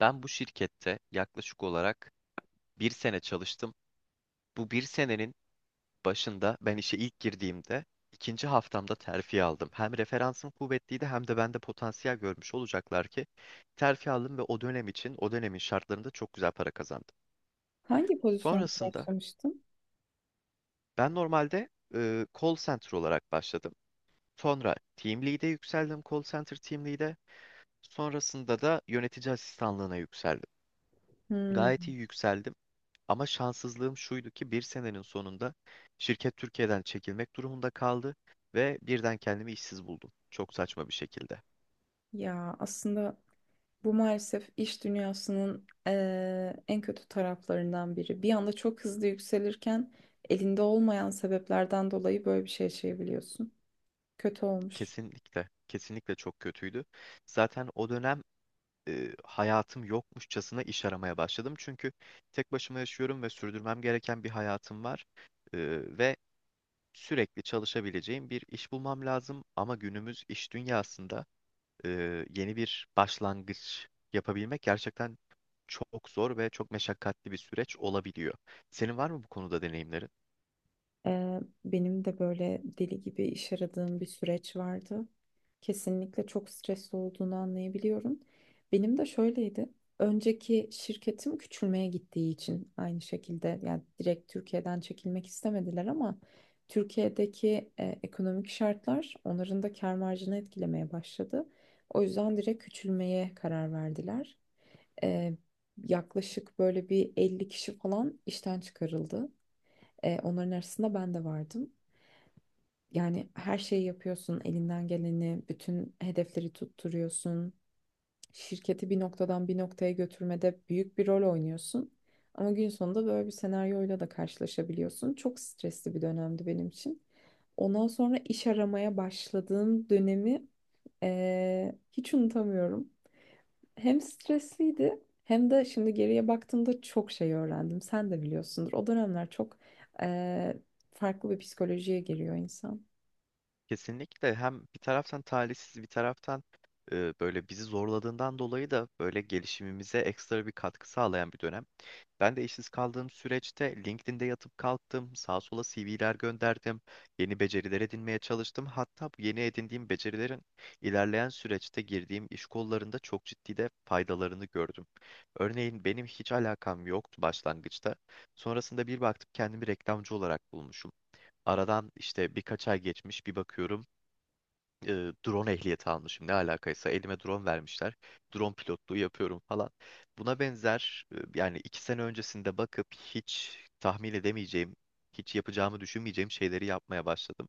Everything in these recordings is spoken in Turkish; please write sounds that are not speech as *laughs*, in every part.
Ben bu şirkette yaklaşık olarak bir sene çalıştım. Bu bir senenin başında ben işe ilk girdiğimde ikinci haftamda terfi aldım. Hem referansım kuvvetliydi hem de bende potansiyel görmüş olacaklar ki terfi aldım ve o dönem için o dönemin şartlarında çok güzel para kazandım. Hangi pozisyonda Sonrasında başlamıştım? ben normalde call center olarak başladım. Sonra team lead'e yükseldim call center team lead'e. Sonrasında da yönetici asistanlığına yükseldim. Hmm, Gayet iyi yükseldim. Ama şanssızlığım şuydu ki bir senenin sonunda şirket Türkiye'den çekilmek durumunda kaldı ve birden kendimi işsiz buldum. Çok saçma bir şekilde. ya aslında bu maalesef iş dünyasının en kötü taraflarından biri. Bir anda çok hızlı yükselirken elinde olmayan sebeplerden dolayı böyle bir şey yaşayabiliyorsun. Kötü olmuş. Kesinlikle, kesinlikle çok kötüydü. Zaten o dönem hayatım yokmuşçasına iş aramaya başladım. Çünkü tek başıma yaşıyorum ve sürdürmem gereken bir hayatım var. E, ve sürekli çalışabileceğim bir iş bulmam lazım. Ama günümüz iş dünyasında e, yeni bir başlangıç yapabilmek gerçekten çok zor ve çok meşakkatli bir süreç olabiliyor. Senin var mı bu konuda deneyimlerin? Benim de böyle deli gibi iş aradığım bir süreç vardı. Kesinlikle çok stresli olduğunu anlayabiliyorum. Benim de şöyleydi. Önceki şirketim küçülmeye gittiği için aynı şekilde yani direkt Türkiye'den çekilmek istemediler ama Türkiye'deki ekonomik şartlar onların da kâr marjını etkilemeye başladı. O yüzden direkt küçülmeye karar verdiler. Ee, yaklaşık böyle bir 50 kişi falan işten çıkarıldı. Onların arasında ben de vardım. Yani her şeyi yapıyorsun, elinden geleni, bütün hedefleri tutturuyorsun. Şirketi bir noktadan bir noktaya götürmede büyük bir rol oynuyorsun. Ama gün sonunda böyle bir senaryoyla da karşılaşabiliyorsun. Çok stresli bir dönemdi benim için. Ondan sonra iş aramaya başladığım dönemi hiç unutamıyorum. Hem stresliydi hem de şimdi geriye baktığımda çok şey öğrendim. Sen de biliyorsundur. O dönemler çok eee, farklı bir psikolojiye giriyor insan. Kesinlikle hem bir taraftan talihsiz bir taraftan böyle bizi zorladığından dolayı da böyle gelişimimize ekstra bir katkı sağlayan bir dönem. Ben de işsiz kaldığım süreçte LinkedIn'de yatıp kalktım, sağa sola CV'ler gönderdim, yeni beceriler edinmeye çalıştım. Hatta bu yeni edindiğim becerilerin ilerleyen süreçte girdiğim iş kollarında çok ciddi de faydalarını gördüm. Örneğin benim hiç alakam yoktu başlangıçta. Sonrasında bir baktım kendimi reklamcı olarak bulmuşum. Aradan işte birkaç ay geçmiş bir bakıyorum drone ehliyeti almışım. Ne alakaysa elime drone vermişler. Drone pilotluğu yapıyorum falan. Buna benzer yani 2 sene öncesinde bakıp hiç tahmin edemeyeceğim, hiç yapacağımı düşünmeyeceğim şeyleri yapmaya başladım.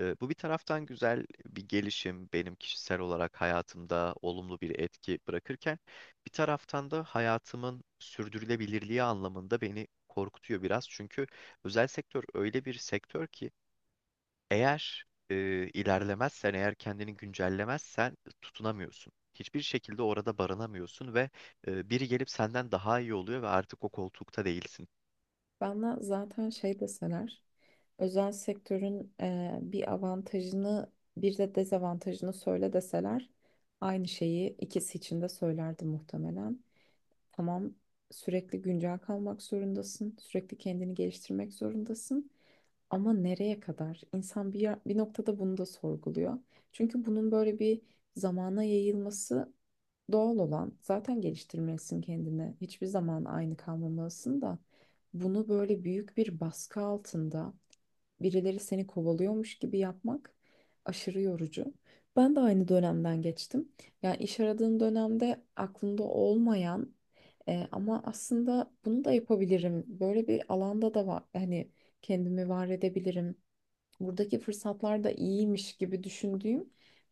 Bu bir taraftan güzel bir gelişim benim kişisel olarak hayatımda olumlu bir etki bırakırken bir taraftan da hayatımın sürdürülebilirliği anlamında beni korkutuyor biraz. Çünkü özel sektör öyle bir sektör ki eğer ilerlemezsen, eğer kendini güncellemezsen tutunamıyorsun. Hiçbir şekilde orada barınamıyorsun ve biri gelip senden daha iyi oluyor ve artık o koltukta değilsin. Bana zaten şey deseler, özel sektörün bir avantajını bir de dezavantajını söyle deseler aynı şeyi ikisi için de söylerdim muhtemelen. Tamam, sürekli güncel kalmak zorundasın, sürekli kendini geliştirmek zorundasın. Ama nereye kadar? İnsan bir noktada bunu da sorguluyor. Çünkü bunun böyle bir zamana yayılması doğal olan. Zaten geliştirmelisin kendini. Hiçbir zaman aynı kalmamalısın da bunu böyle büyük bir baskı altında birileri seni kovalıyormuş gibi yapmak aşırı yorucu. Ben de aynı dönemden geçtim. Yani iş aradığım dönemde aklımda olmayan ama aslında bunu da yapabilirim. Böyle bir alanda da var. Hani kendimi var edebilirim buradaki fırsatlar da iyiymiş gibi düşündüğüm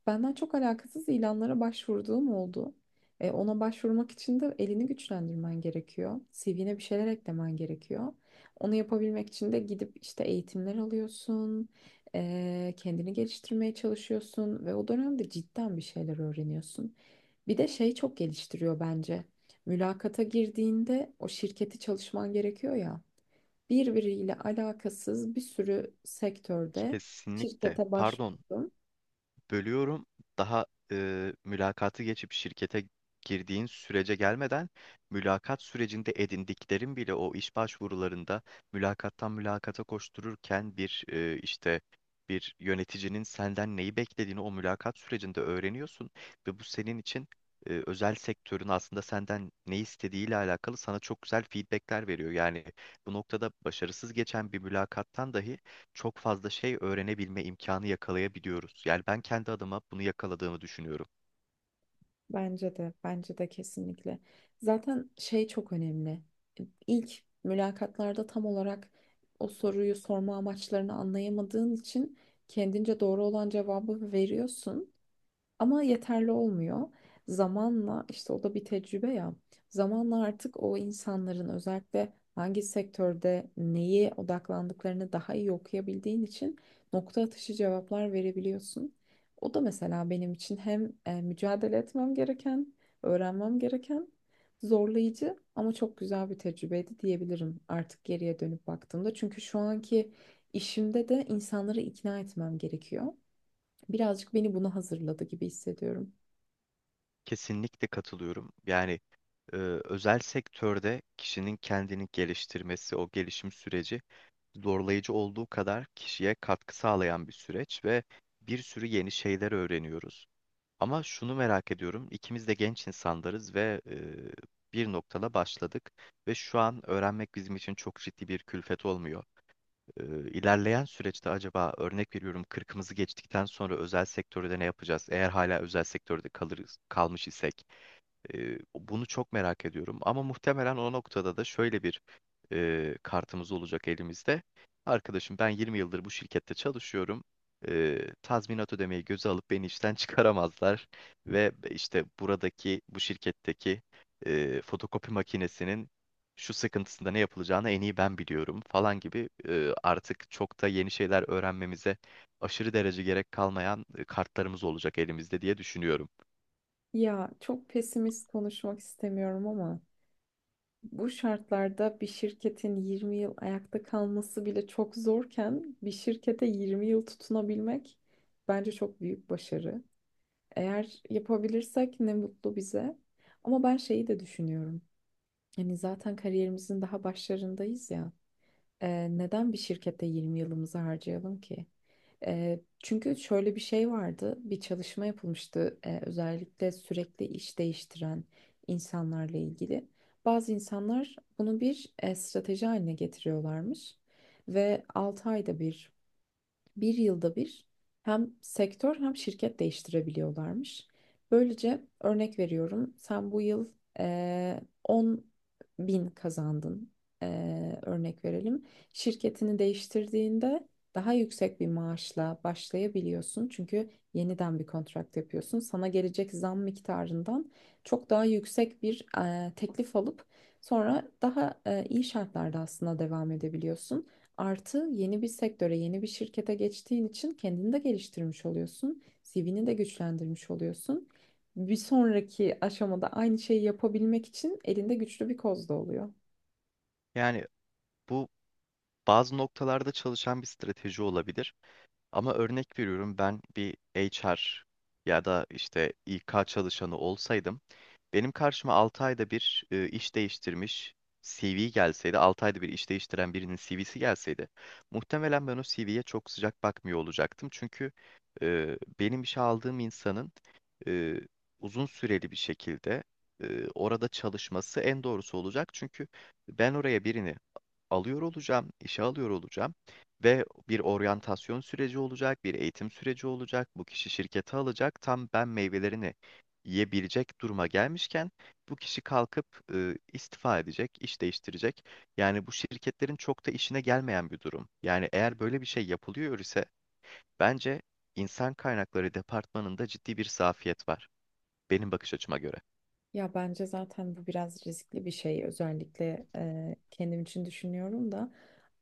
benden çok alakasız ilanlara başvurduğum oldu. Ona başvurmak için de elini güçlendirmen gerekiyor. CV'ne bir şeyler eklemen gerekiyor. Onu yapabilmek için de gidip işte eğitimler alıyorsun, kendini geliştirmeye çalışıyorsun ve o dönemde cidden bir şeyler öğreniyorsun. Bir de şey çok geliştiriyor bence. Mülakata girdiğinde o şirketi çalışman gerekiyor ya birbiriyle alakasız bir sürü sektörde Kesinlikle. şirkete Pardon, başvurdum. bölüyorum. Daha mülakatı geçip şirkete girdiğin sürece gelmeden mülakat sürecinde edindiklerin bile o iş başvurularında mülakattan mülakata koştururken bir işte bir yöneticinin senden neyi beklediğini o mülakat sürecinde öğreniyorsun ve bu senin için özel sektörün aslında senden ne istediğiyle alakalı sana çok güzel feedbackler veriyor. Yani bu noktada başarısız geçen bir mülakattan dahi çok fazla şey öğrenebilme imkanı yakalayabiliyoruz. Yani ben kendi adıma bunu yakaladığımı düşünüyorum. Bence de, bence de kesinlikle. Zaten şey çok önemli. İlk mülakatlarda tam olarak o soruyu sorma amaçlarını anlayamadığın için kendince doğru olan cevabı veriyorsun. Ama yeterli olmuyor. Zamanla işte o da bir tecrübe ya. Zamanla artık o insanların özellikle hangi sektörde neye odaklandıklarını daha iyi okuyabildiğin için nokta atışı cevaplar verebiliyorsun. O da mesela benim için hem mücadele etmem gereken, öğrenmem gereken zorlayıcı ama çok güzel bir tecrübeydi diyebilirim artık geriye dönüp baktığımda. Çünkü şu anki işimde de insanları ikna etmem gerekiyor. Birazcık beni buna hazırladı gibi hissediyorum. Kesinlikle katılıyorum. Yani e, özel sektörde kişinin kendini geliştirmesi, o gelişim süreci zorlayıcı olduğu kadar kişiye katkı sağlayan bir süreç ve bir sürü yeni şeyler öğreniyoruz. Ama şunu merak ediyorum, ikimiz de genç insanlarız ve bir noktada başladık ve şu an öğrenmek bizim için çok ciddi bir külfet olmuyor. e, ilerleyen süreçte acaba örnek veriyorum kırkımızı geçtikten sonra özel sektörde ne yapacağız? Eğer hala özel sektörde kalır kalmış isek bunu çok merak ediyorum. Ama muhtemelen o noktada da şöyle bir kartımız olacak elimizde. Arkadaşım ben 20 yıldır bu şirkette çalışıyorum. Tazminat ödemeyi göze alıp beni işten *laughs* çıkaramazlar. Ve işte buradaki bu şirketteki fotokopi makinesinin şu sıkıntısında ne yapılacağını en iyi ben biliyorum falan gibi artık çok da yeni şeyler öğrenmemize aşırı derece gerek kalmayan kartlarımız olacak elimizde diye düşünüyorum. Ya çok pesimist konuşmak istemiyorum ama bu şartlarda bir şirketin 20 yıl ayakta kalması bile çok zorken bir şirkete 20 yıl tutunabilmek bence çok büyük başarı. Eğer yapabilirsek ne mutlu bize. Ama ben şeyi de düşünüyorum. Yani zaten kariyerimizin daha başlarındayız ya. Neden bir şirkette 20 yılımızı harcayalım ki? Çünkü şöyle bir şey vardı, bir çalışma yapılmıştı özellikle sürekli iş değiştiren insanlarla ilgili. Bazı insanlar bunu bir strateji haline getiriyorlarmış ve 6 ayda bir bir yılda bir hem sektör hem şirket değiştirebiliyorlarmış. Böylece örnek veriyorum sen bu yıl 10 bin kazandın örnek verelim. Şirketini değiştirdiğinde daha yüksek bir maaşla başlayabiliyorsun. Çünkü yeniden bir kontrat yapıyorsun. Sana gelecek zam miktarından çok daha yüksek bir teklif alıp sonra daha iyi şartlarda aslında devam edebiliyorsun. Artı yeni bir sektöre, yeni bir şirkete geçtiğin için kendini de geliştirmiş oluyorsun. CV'ni de güçlendirmiş oluyorsun. Bir sonraki aşamada aynı şeyi yapabilmek için elinde güçlü bir koz da oluyor. Yani bu bazı noktalarda çalışan bir strateji olabilir. Ama örnek veriyorum ben bir HR ya da işte İK çalışanı olsaydım benim karşıma 6 ayda bir iş değiştirmiş CV gelseydi, 6 ayda bir iş değiştiren birinin CV'si gelseydi, muhtemelen ben o CV'ye çok sıcak bakmıyor olacaktım. Çünkü benim işe aldığım insanın e, uzun süreli bir şekilde orada çalışması en doğrusu olacak. Çünkü ben oraya birini alıyor olacağım, işe alıyor olacağım ve bir oryantasyon süreci olacak, bir eğitim süreci olacak. Bu kişi şirkete alacak. Tam ben meyvelerini yiyebilecek duruma gelmişken bu kişi kalkıp istifa edecek, iş değiştirecek. Yani bu şirketlerin çok da işine gelmeyen bir durum. Yani eğer böyle bir şey yapılıyor ise bence insan kaynakları departmanında ciddi bir zafiyet var benim bakış açıma göre. Ya bence zaten bu biraz riskli bir şey. Özellikle kendim için düşünüyorum da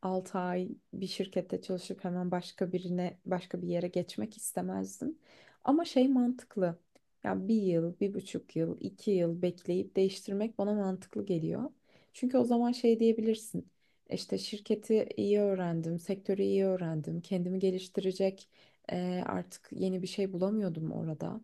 6 ay bir şirkette çalışıp hemen başka birine, başka bir yere geçmek istemezdim. Ama şey mantıklı. Ya bir yıl, 1,5 yıl, 2 yıl bekleyip değiştirmek bana mantıklı geliyor. Çünkü o zaman şey diyebilirsin. İşte şirketi iyi öğrendim, sektörü iyi öğrendim, kendimi geliştirecek artık yeni bir şey bulamıyordum orada.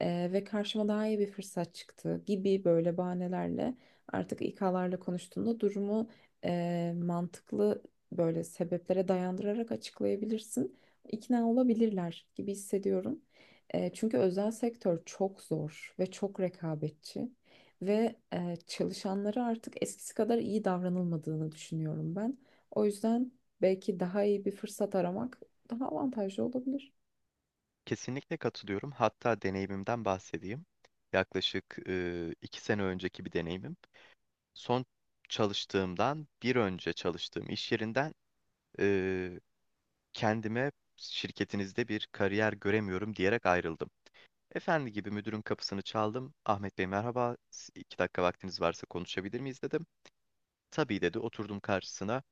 Ve karşıma daha iyi bir fırsat çıktı gibi böyle bahanelerle artık İK'larla konuştuğunda durumu mantıklı böyle sebeplere dayandırarak açıklayabilirsin. İkna olabilirler gibi hissediyorum. Çünkü özel sektör çok zor ve çok rekabetçi ve çalışanlara artık eskisi kadar iyi davranılmadığını düşünüyorum ben. O yüzden belki daha iyi bir fırsat aramak daha avantajlı olabilir. Kesinlikle katılıyorum. Hatta deneyimimden bahsedeyim. Yaklaşık 2 sene önceki bir deneyimim. Son çalıştığımdan bir önce çalıştığım iş yerinden e, kendime şirketinizde bir kariyer göremiyorum diyerek ayrıldım. Efendi gibi müdürün kapısını çaldım. Ahmet Bey merhaba, 2 dakika vaktiniz varsa konuşabilir miyiz dedim. Tabii dedi, oturdum karşısına.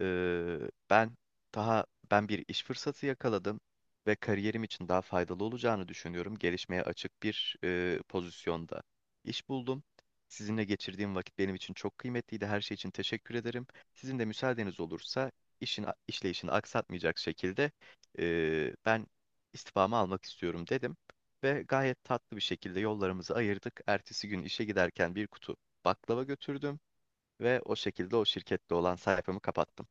Ee, ben daha ben bir iş fırsatı yakaladım ve kariyerim için daha faydalı olacağını düşünüyorum. Gelişmeye açık bir pozisyonda iş buldum. Sizinle geçirdiğim vakit benim için çok kıymetliydi. Her şey için teşekkür ederim. Sizin de müsaadeniz olursa işin işleyişini aksatmayacak şekilde ben istifamı almak istiyorum dedim ve gayet tatlı bir şekilde yollarımızı ayırdık. Ertesi gün işe giderken bir kutu baklava götürdüm ve o şekilde o şirkette olan sayfamı kapattım.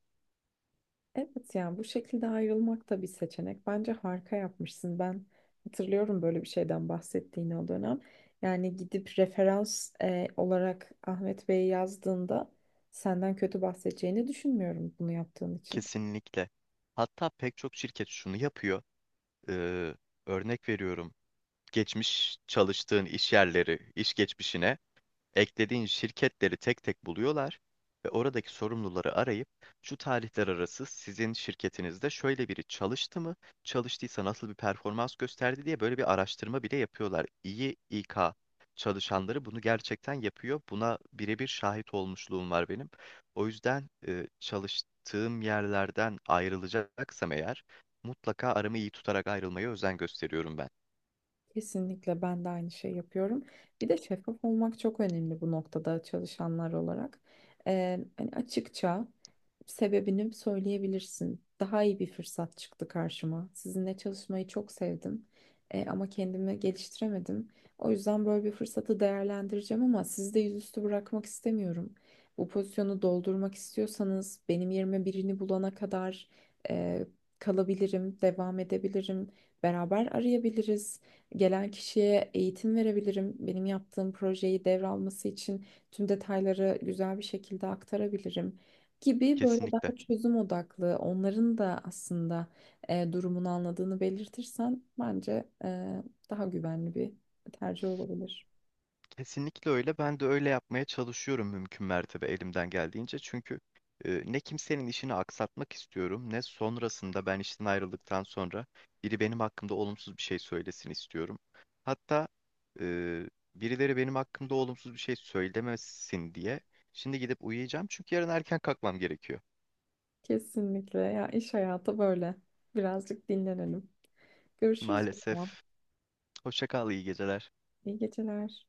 Evet yani bu şekilde ayrılmak da bir seçenek. Bence harika yapmışsın. Ben hatırlıyorum böyle bir şeyden bahsettiğini o dönem. Yani gidip referans olarak Ahmet Bey'i yazdığında senden kötü bahsedeceğini düşünmüyorum bunu yaptığın için. Kesinlikle. Hatta pek çok şirket şunu yapıyor. Ee, Örnek veriyorum. Geçmiş çalıştığın iş yerleri, iş geçmişine eklediğin şirketleri tek tek buluyorlar ve oradaki sorumluları arayıp şu tarihler arası sizin şirketinizde şöyle biri çalıştı mı, çalıştıysa nasıl bir performans gösterdi diye böyle bir araştırma bile yapıyorlar. İyi İK çalışanları bunu gerçekten yapıyor. Buna birebir şahit olmuşluğum var benim. O yüzden çalıştığım yerlerden ayrılacaksam eğer mutlaka aramı iyi tutarak ayrılmaya özen gösteriyorum ben. Kesinlikle ben de aynı şey yapıyorum. Bir de şeffaf olmak çok önemli bu noktada çalışanlar olarak. Hani açıkça sebebini söyleyebilirsin. Daha iyi bir fırsat çıktı karşıma. Sizinle çalışmayı çok sevdim. Ama kendimi geliştiremedim. O yüzden böyle bir fırsatı değerlendireceğim ama sizi de yüzüstü bırakmak istemiyorum. Bu pozisyonu doldurmak istiyorsanız benim yerime birini bulana kadar eee, kalabilirim, devam edebilirim. Beraber arayabiliriz. Gelen kişiye eğitim verebilirim. Benim yaptığım projeyi devralması için tüm detayları güzel bir şekilde aktarabilirim gibi böyle Kesinlikle. daha çözüm odaklı, onların da aslında durumunu anladığını belirtirsen bence daha güvenli bir tercih olabilir. Kesinlikle öyle. Ben de öyle yapmaya çalışıyorum mümkün mertebe elimden geldiğince. Çünkü ne kimsenin işini aksatmak istiyorum, ne sonrasında ben işten ayrıldıktan sonra biri benim hakkımda olumsuz bir şey söylesin istiyorum. Hatta e, birileri benim hakkımda olumsuz bir şey söylemesin diye şimdi gidip uyuyacağım çünkü yarın erken kalkmam gerekiyor. Kesinlikle ya iş hayatı böyle. Birazcık dinlenelim. Görüşürüz o zaman. Maalesef. Hoşça kal, iyi geceler. İyi geceler.